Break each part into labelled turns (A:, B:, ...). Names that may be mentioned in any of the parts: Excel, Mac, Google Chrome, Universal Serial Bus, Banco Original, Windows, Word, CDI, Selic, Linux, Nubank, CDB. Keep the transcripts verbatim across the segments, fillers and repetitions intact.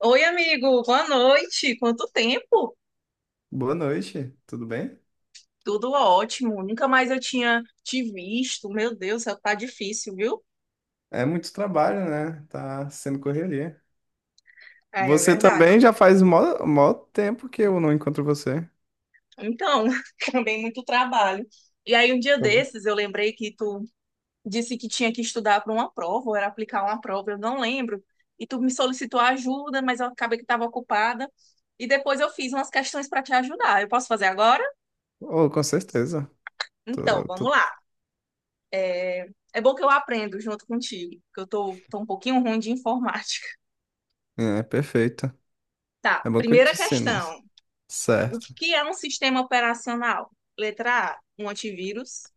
A: Oi, amigo, boa noite. Quanto tempo?
B: Boa noite, tudo bem?
A: Tudo ótimo. Nunca mais eu tinha te visto. Meu Deus, tá difícil, viu?
B: É muito trabalho, né? Tá sendo correria.
A: É, é
B: Você
A: verdade.
B: também já faz mó, mó tempo que eu não encontro você.
A: Então, também muito trabalho. E aí, um dia
B: Tá bom.
A: desses, eu lembrei que tu disse que tinha que estudar para uma prova, ou era aplicar uma prova, eu não lembro. E tu me solicitou ajuda, mas eu acabei que estava ocupada. E depois eu fiz umas questões para te ajudar. Eu posso fazer agora?
B: Oh, com certeza.
A: Então,
B: Tô,
A: vamos
B: tô...
A: lá. É bom que eu aprendo junto contigo, porque eu tô, tô um pouquinho ruim de informática.
B: É, perfeito.
A: Tá,
B: É bom que eu
A: primeira
B: te ensino, mas...
A: questão. O
B: Certo.
A: que é um sistema operacional? Letra A, um antivírus.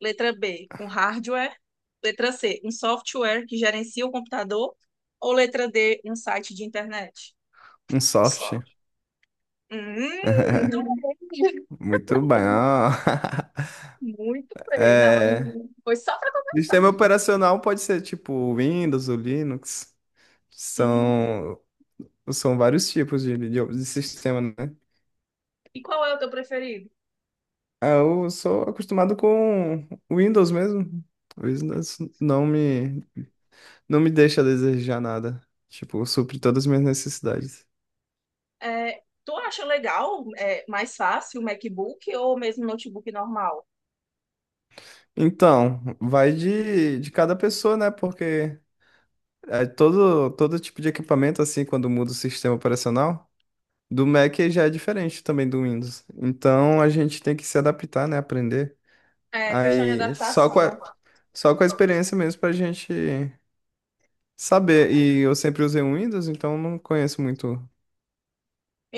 A: Letra B, um hardware. Letra C, um software que gerencia o computador. Ou letra D, um site de internet?
B: Um
A: Só.
B: soft.
A: Hum.
B: Muito bom.
A: Muito bem. Não,
B: É...
A: eu- foi só para começar.
B: Sistema operacional pode ser tipo o Windows ou Linux.
A: Hum.
B: São, são vários tipos de, de, de sistema, né?
A: E qual é o teu preferido?
B: Ah, eu sou acostumado com Windows mesmo. Windows não me, não me deixa a desejar nada. Tipo, supre todas as minhas necessidades.
A: É, tu acha legal, é, mais fácil o MacBook ou mesmo notebook normal?
B: Então, vai de, de cada pessoa, né? Porque é todo, todo tipo de equipamento, assim, quando muda o sistema operacional, do Mac já é diferente também do Windows. Então, a gente tem que se adaptar, né? Aprender.
A: É questão de
B: Aí, só com
A: adaptação,
B: a, só com a experiência mesmo pra gente saber.
A: né?
B: E eu sempre usei o Windows, então não conheço muito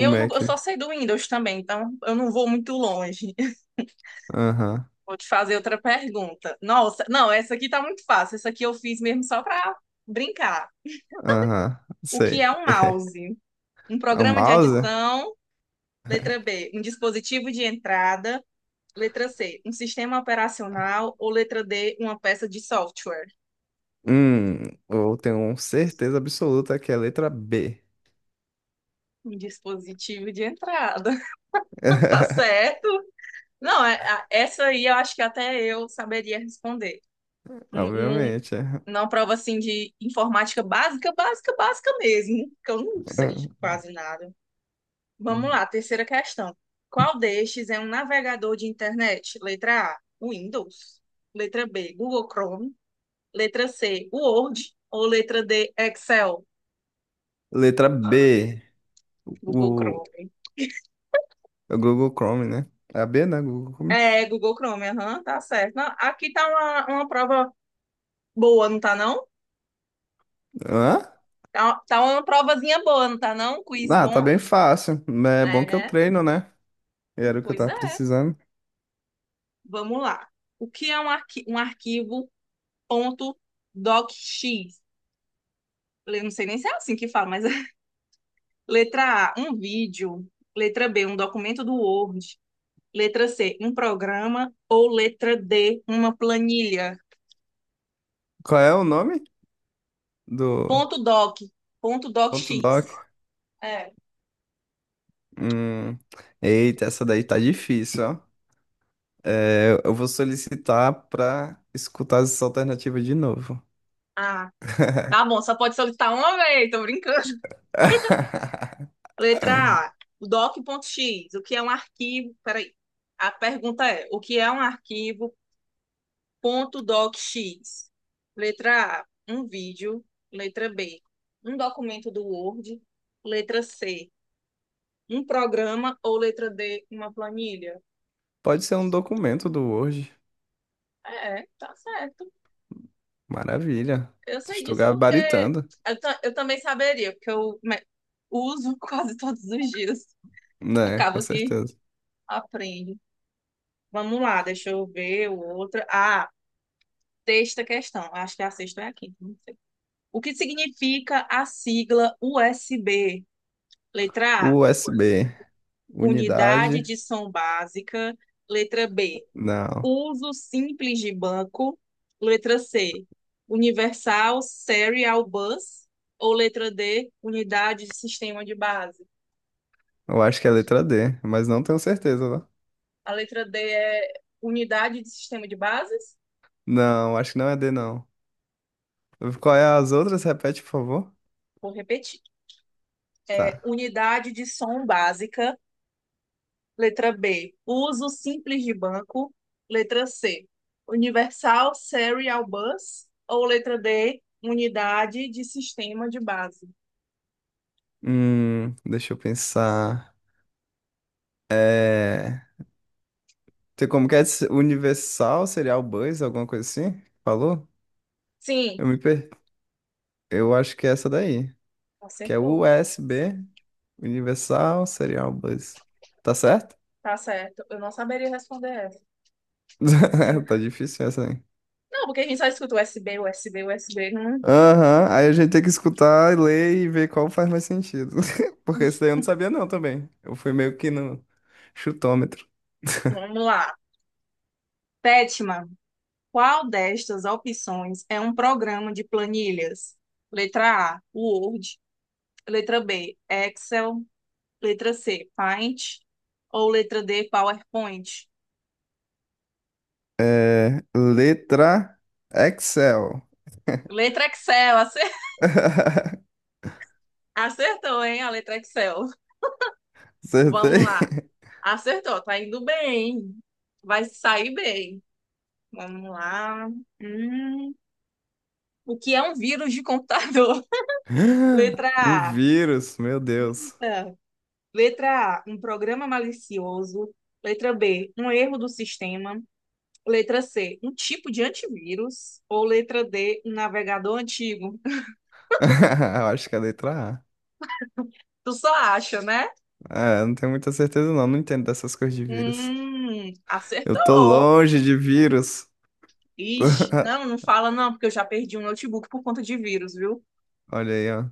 B: o
A: não, eu
B: Mac.
A: só sei do Windows também, então eu não vou muito longe.
B: Aham,
A: Vou te fazer outra pergunta. Nossa, não, essa aqui tá muito fácil. Essa aqui eu fiz mesmo só pra brincar.
B: aham,
A: O que
B: sei.
A: é um mouse? Um
B: O
A: programa de
B: mouse?
A: adição, letra B, um dispositivo de entrada, letra C, um sistema operacional ou letra D, uma peça de software.
B: Hum, eu tenho certeza absoluta que é a letra B.
A: Um dispositivo de entrada. Tá certo? Não, é- a- essa aí eu acho que até eu saberia responder. Um, um
B: Obviamente. É.
A: Não prova assim de informática básica, básica, básica mesmo, que eu não sei quase nada. Vamos
B: Uhum.
A: lá, terceira questão. Qual destes é um navegador de internet? Letra A, Windows. Letra B, Google Chrome. Letra C, Word. Ou letra D, Excel.
B: Letra B.
A: Google
B: O,
A: Chrome.
B: o Google Chrome, né? É a B, né? Google Chrome.
A: É, Google Chrome, aham, tá certo. Não, aqui tá uma, uma prova boa, não tá não?
B: Hã?
A: Tá, tá uma provazinha boa, não tá não? Quiz
B: Ah, tá
A: bom?
B: bem fácil. Mas é bom que eu
A: É,
B: treino, né? Era o que eu
A: pois
B: tava
A: é.
B: precisando.
A: Vamos lá. O que é um, arqui um arquivo .docx? Eu não sei nem se é assim que fala, mas é. Letra A, um vídeo. Letra B, um documento do Word. Letra C, um programa. Ou letra D, uma planilha.
B: Qual é o nome do
A: Ponto .doc. Ponto
B: ponto
A: .docx.
B: doc?
A: É.
B: Hum, eita, essa daí tá difícil, ó. É, eu vou solicitar para escutar essa alternativa de novo.
A: Ah, tá bom. Só pode solicitar uma vez. Tô brincando. Letra A, doc.x. O que é um arquivo... Peraí. A pergunta é, o que é um arquivo .docx. Letra A, um vídeo. Letra B, um documento do Word. Letra C, um programa. Ou letra D, uma planilha.
B: Pode ser um documento do Word.
A: É, tá certo.
B: Maravilha.
A: Eu sei
B: Estou
A: disso porque
B: gabaritando,
A: eu, eu também saberia, porque eu, né, uso quase todos os dias.
B: né? Com
A: Acabo que
B: certeza.
A: aprendo. Vamos lá, deixa eu ver outra. Ah, sexta questão. Acho que a sexta é a quinta, não sei. O que significa a sigla U S B? Letra A,
B: U S B,
A: unidade
B: unidade.
A: de som básica. Letra B,
B: Não,
A: uso simples de banco. Letra C, universal serial bus. Ou letra D, unidade de sistema de base.
B: eu acho que é letra D, mas não tenho certeza, né?
A: A letra D é unidade de sistema de bases.
B: Não, acho que não é D, não. Qual é as outras? Repete, por favor.
A: Vou repetir. É
B: Tá.
A: unidade de som básica. Letra B, uso simples de banco. Letra C, universal serial bus. Ou letra D, unidade de sistema de base.
B: Hum, deixa eu pensar. Tem como que é? esse- Universal Serial Bus, alguma coisa assim? Falou?
A: Sim,
B: Eu me perdi. Eu acho que é essa daí, que é
A: acertou.
B: U S B, Universal Serial Bus. Tá certo?
A: Tá certo. Eu não saberia responder essa.
B: Tá difícil essa aí.
A: Não, porque a gente só escuta U S B, U S B, U S B. Não.
B: Aham, aí a gente tem que escutar, ler e ver qual faz mais sentido. Porque esse daí eu não sabia não também. Eu fui meio que no chutômetro.
A: Vamos lá. Sétima, qual destas opções é um programa de planilhas? Letra A, Word. Letra B, Excel. Letra C, Paint. Ou letra D, PowerPoint.
B: É, letra Excel.
A: Letra Excel, acertou, hein? A letra Excel. Vamos
B: Acertei.
A: lá. Acertou, tá indo bem. Vai sair bem. Vamos lá. Hum. O que é um vírus de computador? Letra
B: Um
A: A.
B: vírus, meu Deus.
A: Eita. Letra A, um programa malicioso. Letra B, um erro do sistema. Letra C, um tipo de antivírus. Ou letra D, um navegador antigo.
B: Eu acho que é a letra
A: Tu só acha, né?
B: A. É, não tenho muita certeza não, não entendo dessas coisas de vírus.
A: Hum,
B: Eu tô
A: acertou.
B: longe de vírus.
A: Ixi, não, não fala não, porque eu já perdi um notebook por conta de vírus, viu?
B: Olha aí, ó.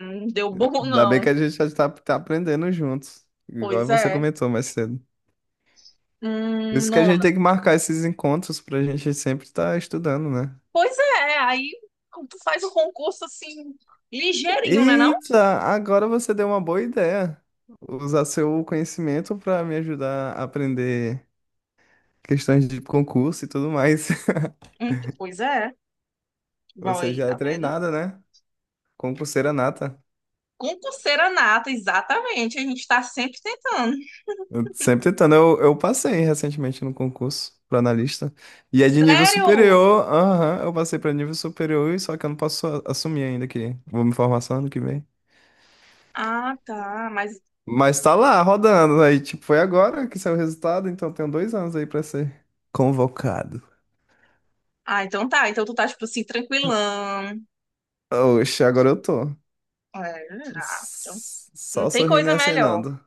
A: Não deu bom,
B: Ainda bem que
A: não.
B: a gente já tá, tá aprendendo juntos, igual
A: Pois
B: você
A: é.
B: comentou mais cedo. Por
A: Hum,
B: isso que a gente
A: nona.
B: tem que marcar esses encontros pra gente sempre estar estudando, né?
A: Pois é, aí tu faz o concurso assim, ligeirinho, né não?
B: Eita, agora você deu uma boa ideia. Usar seu conhecimento pra me ajudar a aprender questões de concurso e tudo mais.
A: Hum, pois é.
B: Você
A: Vai,
B: já é
A: tá vendo?
B: treinada, né? Concurseira nata.
A: Concurseira nata, exatamente. A gente tá sempre tentando.
B: Eu sempre tentando. Eu, eu passei recentemente no concurso para analista. E é de nível
A: Sério?
B: superior. Aham, eu passei para nível superior, e só que eu não posso a- assumir ainda que vou me formar só ano que vem.
A: Ah, tá, mas...
B: Mas tá lá, rodando. Aí, tipo, foi agora que saiu o resultado, então tenho dois anos aí pra ser convocado.
A: Ah, então tá. Então tu tá, tipo assim, tranquilão.
B: Oxe, agora eu tô.
A: É, ah, então
B: S-
A: não
B: Só
A: tem
B: sorrindo e
A: coisa melhor.
B: acenando.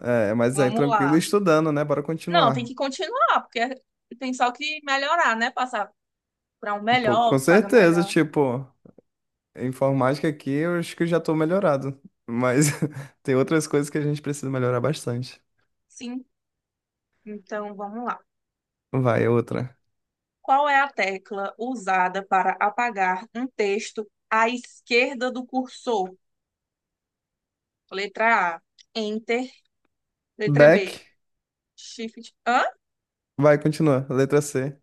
B: É, mas aí
A: Vamos
B: tranquilo, e
A: lá.
B: estudando, né? Bora
A: Não, tem
B: continuar.
A: que continuar, porque tem só que melhorar, né? Passar para um
B: Pô,
A: melhor,
B: com
A: que paga
B: certeza,
A: melhor.
B: tipo. Informática aqui, eu acho que eu já tô melhorado. Mas tem outras coisas que a gente precisa melhorar bastante.
A: Sim, então vamos lá.
B: Vai, é outra.
A: Qual é a tecla usada para apagar um texto à esquerda do cursor? Letra A, Enter. Letra B,
B: Back.
A: Shift. Hã?
B: Vai, continua. Letra C.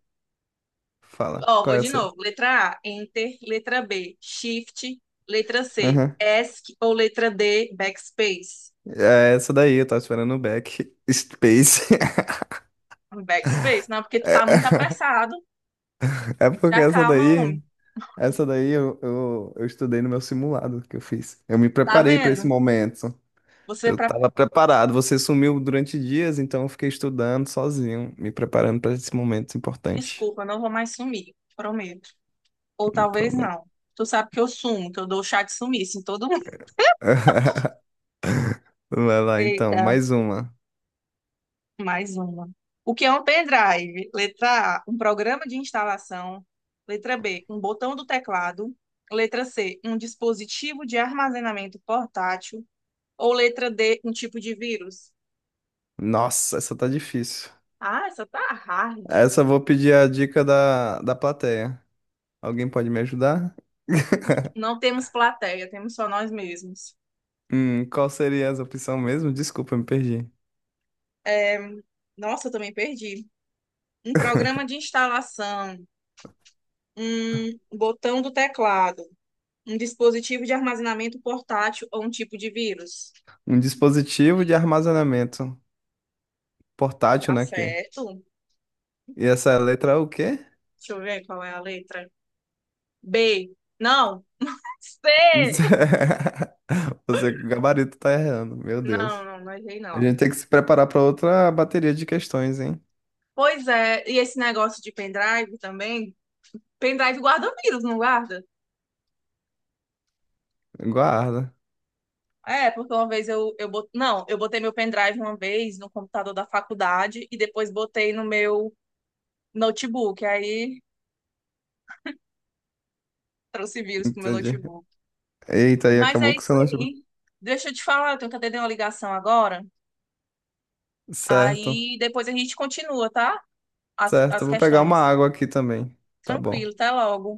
B: Fala.
A: Ó,
B: Qual
A: vou
B: é
A: de
B: essa?
A: novo. Letra A, Enter. Letra B, Shift. Letra C,
B: Aham.
A: ESC. Ou letra D, Backspace.
B: É essa daí, eu tava esperando o back. Space.
A: Backspace? Não, porque tu tá muito
B: É,
A: apressado.
B: é porque
A: Já
B: essa
A: calma,
B: daí,
A: homem.
B: essa daí eu, eu, eu estudei no meu simulado que eu fiz. Eu me
A: Tá
B: preparei pra esse
A: vendo?
B: momento.
A: Você
B: Eu
A: para
B: tava preparado. Você sumiu durante dias, então eu fiquei estudando sozinho, me preparando pra esse momento importante.
A: Desculpa, não vou mais sumir, prometo. Ou talvez não. Tu sabe que eu sumo, que eu dou chá de sumiço em todo mundo.
B: Vai lá então,
A: Eita,
B: mais uma.
A: mais uma. O que é um pendrive? Letra A, um programa de instalação. Letra B, um botão do teclado. Letra C, um dispositivo de armazenamento portátil. Ou letra D, um tipo de vírus?
B: Nossa, essa tá difícil.
A: Ah, essa tá hard.
B: Essa eu vou pedir a dica da, da plateia. Alguém pode me ajudar?
A: Não temos plateia, temos só nós mesmos.
B: Hum, qual seria essa opção mesmo? Desculpa, eu me perdi.
A: É, nossa, eu também perdi. Um programa de instalação. Um botão do teclado. Um dispositivo de armazenamento portátil ou um tipo de vírus.
B: Um dispositivo de armazenamento portátil,
A: Tá
B: né? Que?
A: certo?
B: E essa letra é o quê?
A: Deixa eu ver qual é a letra. B. Não. C.
B: Você com o gabarito tá errando, meu
A: Não,
B: Deus.
A: não, não errei
B: A gente
A: não.
B: tem que se preparar pra outra bateria de questões, hein?
A: Pois é, e esse negócio de pendrive também? Pendrive guarda vírus, não guarda?
B: Guarda.
A: É, porque uma vez eu, eu bot... não, eu botei meu pendrive uma vez no computador da faculdade e depois botei no meu notebook. Aí trouxe vírus pro meu
B: Entendi.
A: notebook.
B: Eita, aí
A: Mas é
B: acabou com o
A: isso
B: seu notebook.
A: aí. Deixa eu te falar, eu tenho que atender uma ligação agora.
B: Certo.
A: Aí depois a gente continua, tá? As,
B: Certo,
A: as
B: eu vou pegar uma
A: questões.
B: água aqui também. Tá
A: Tranquilo,
B: bom.
A: até logo.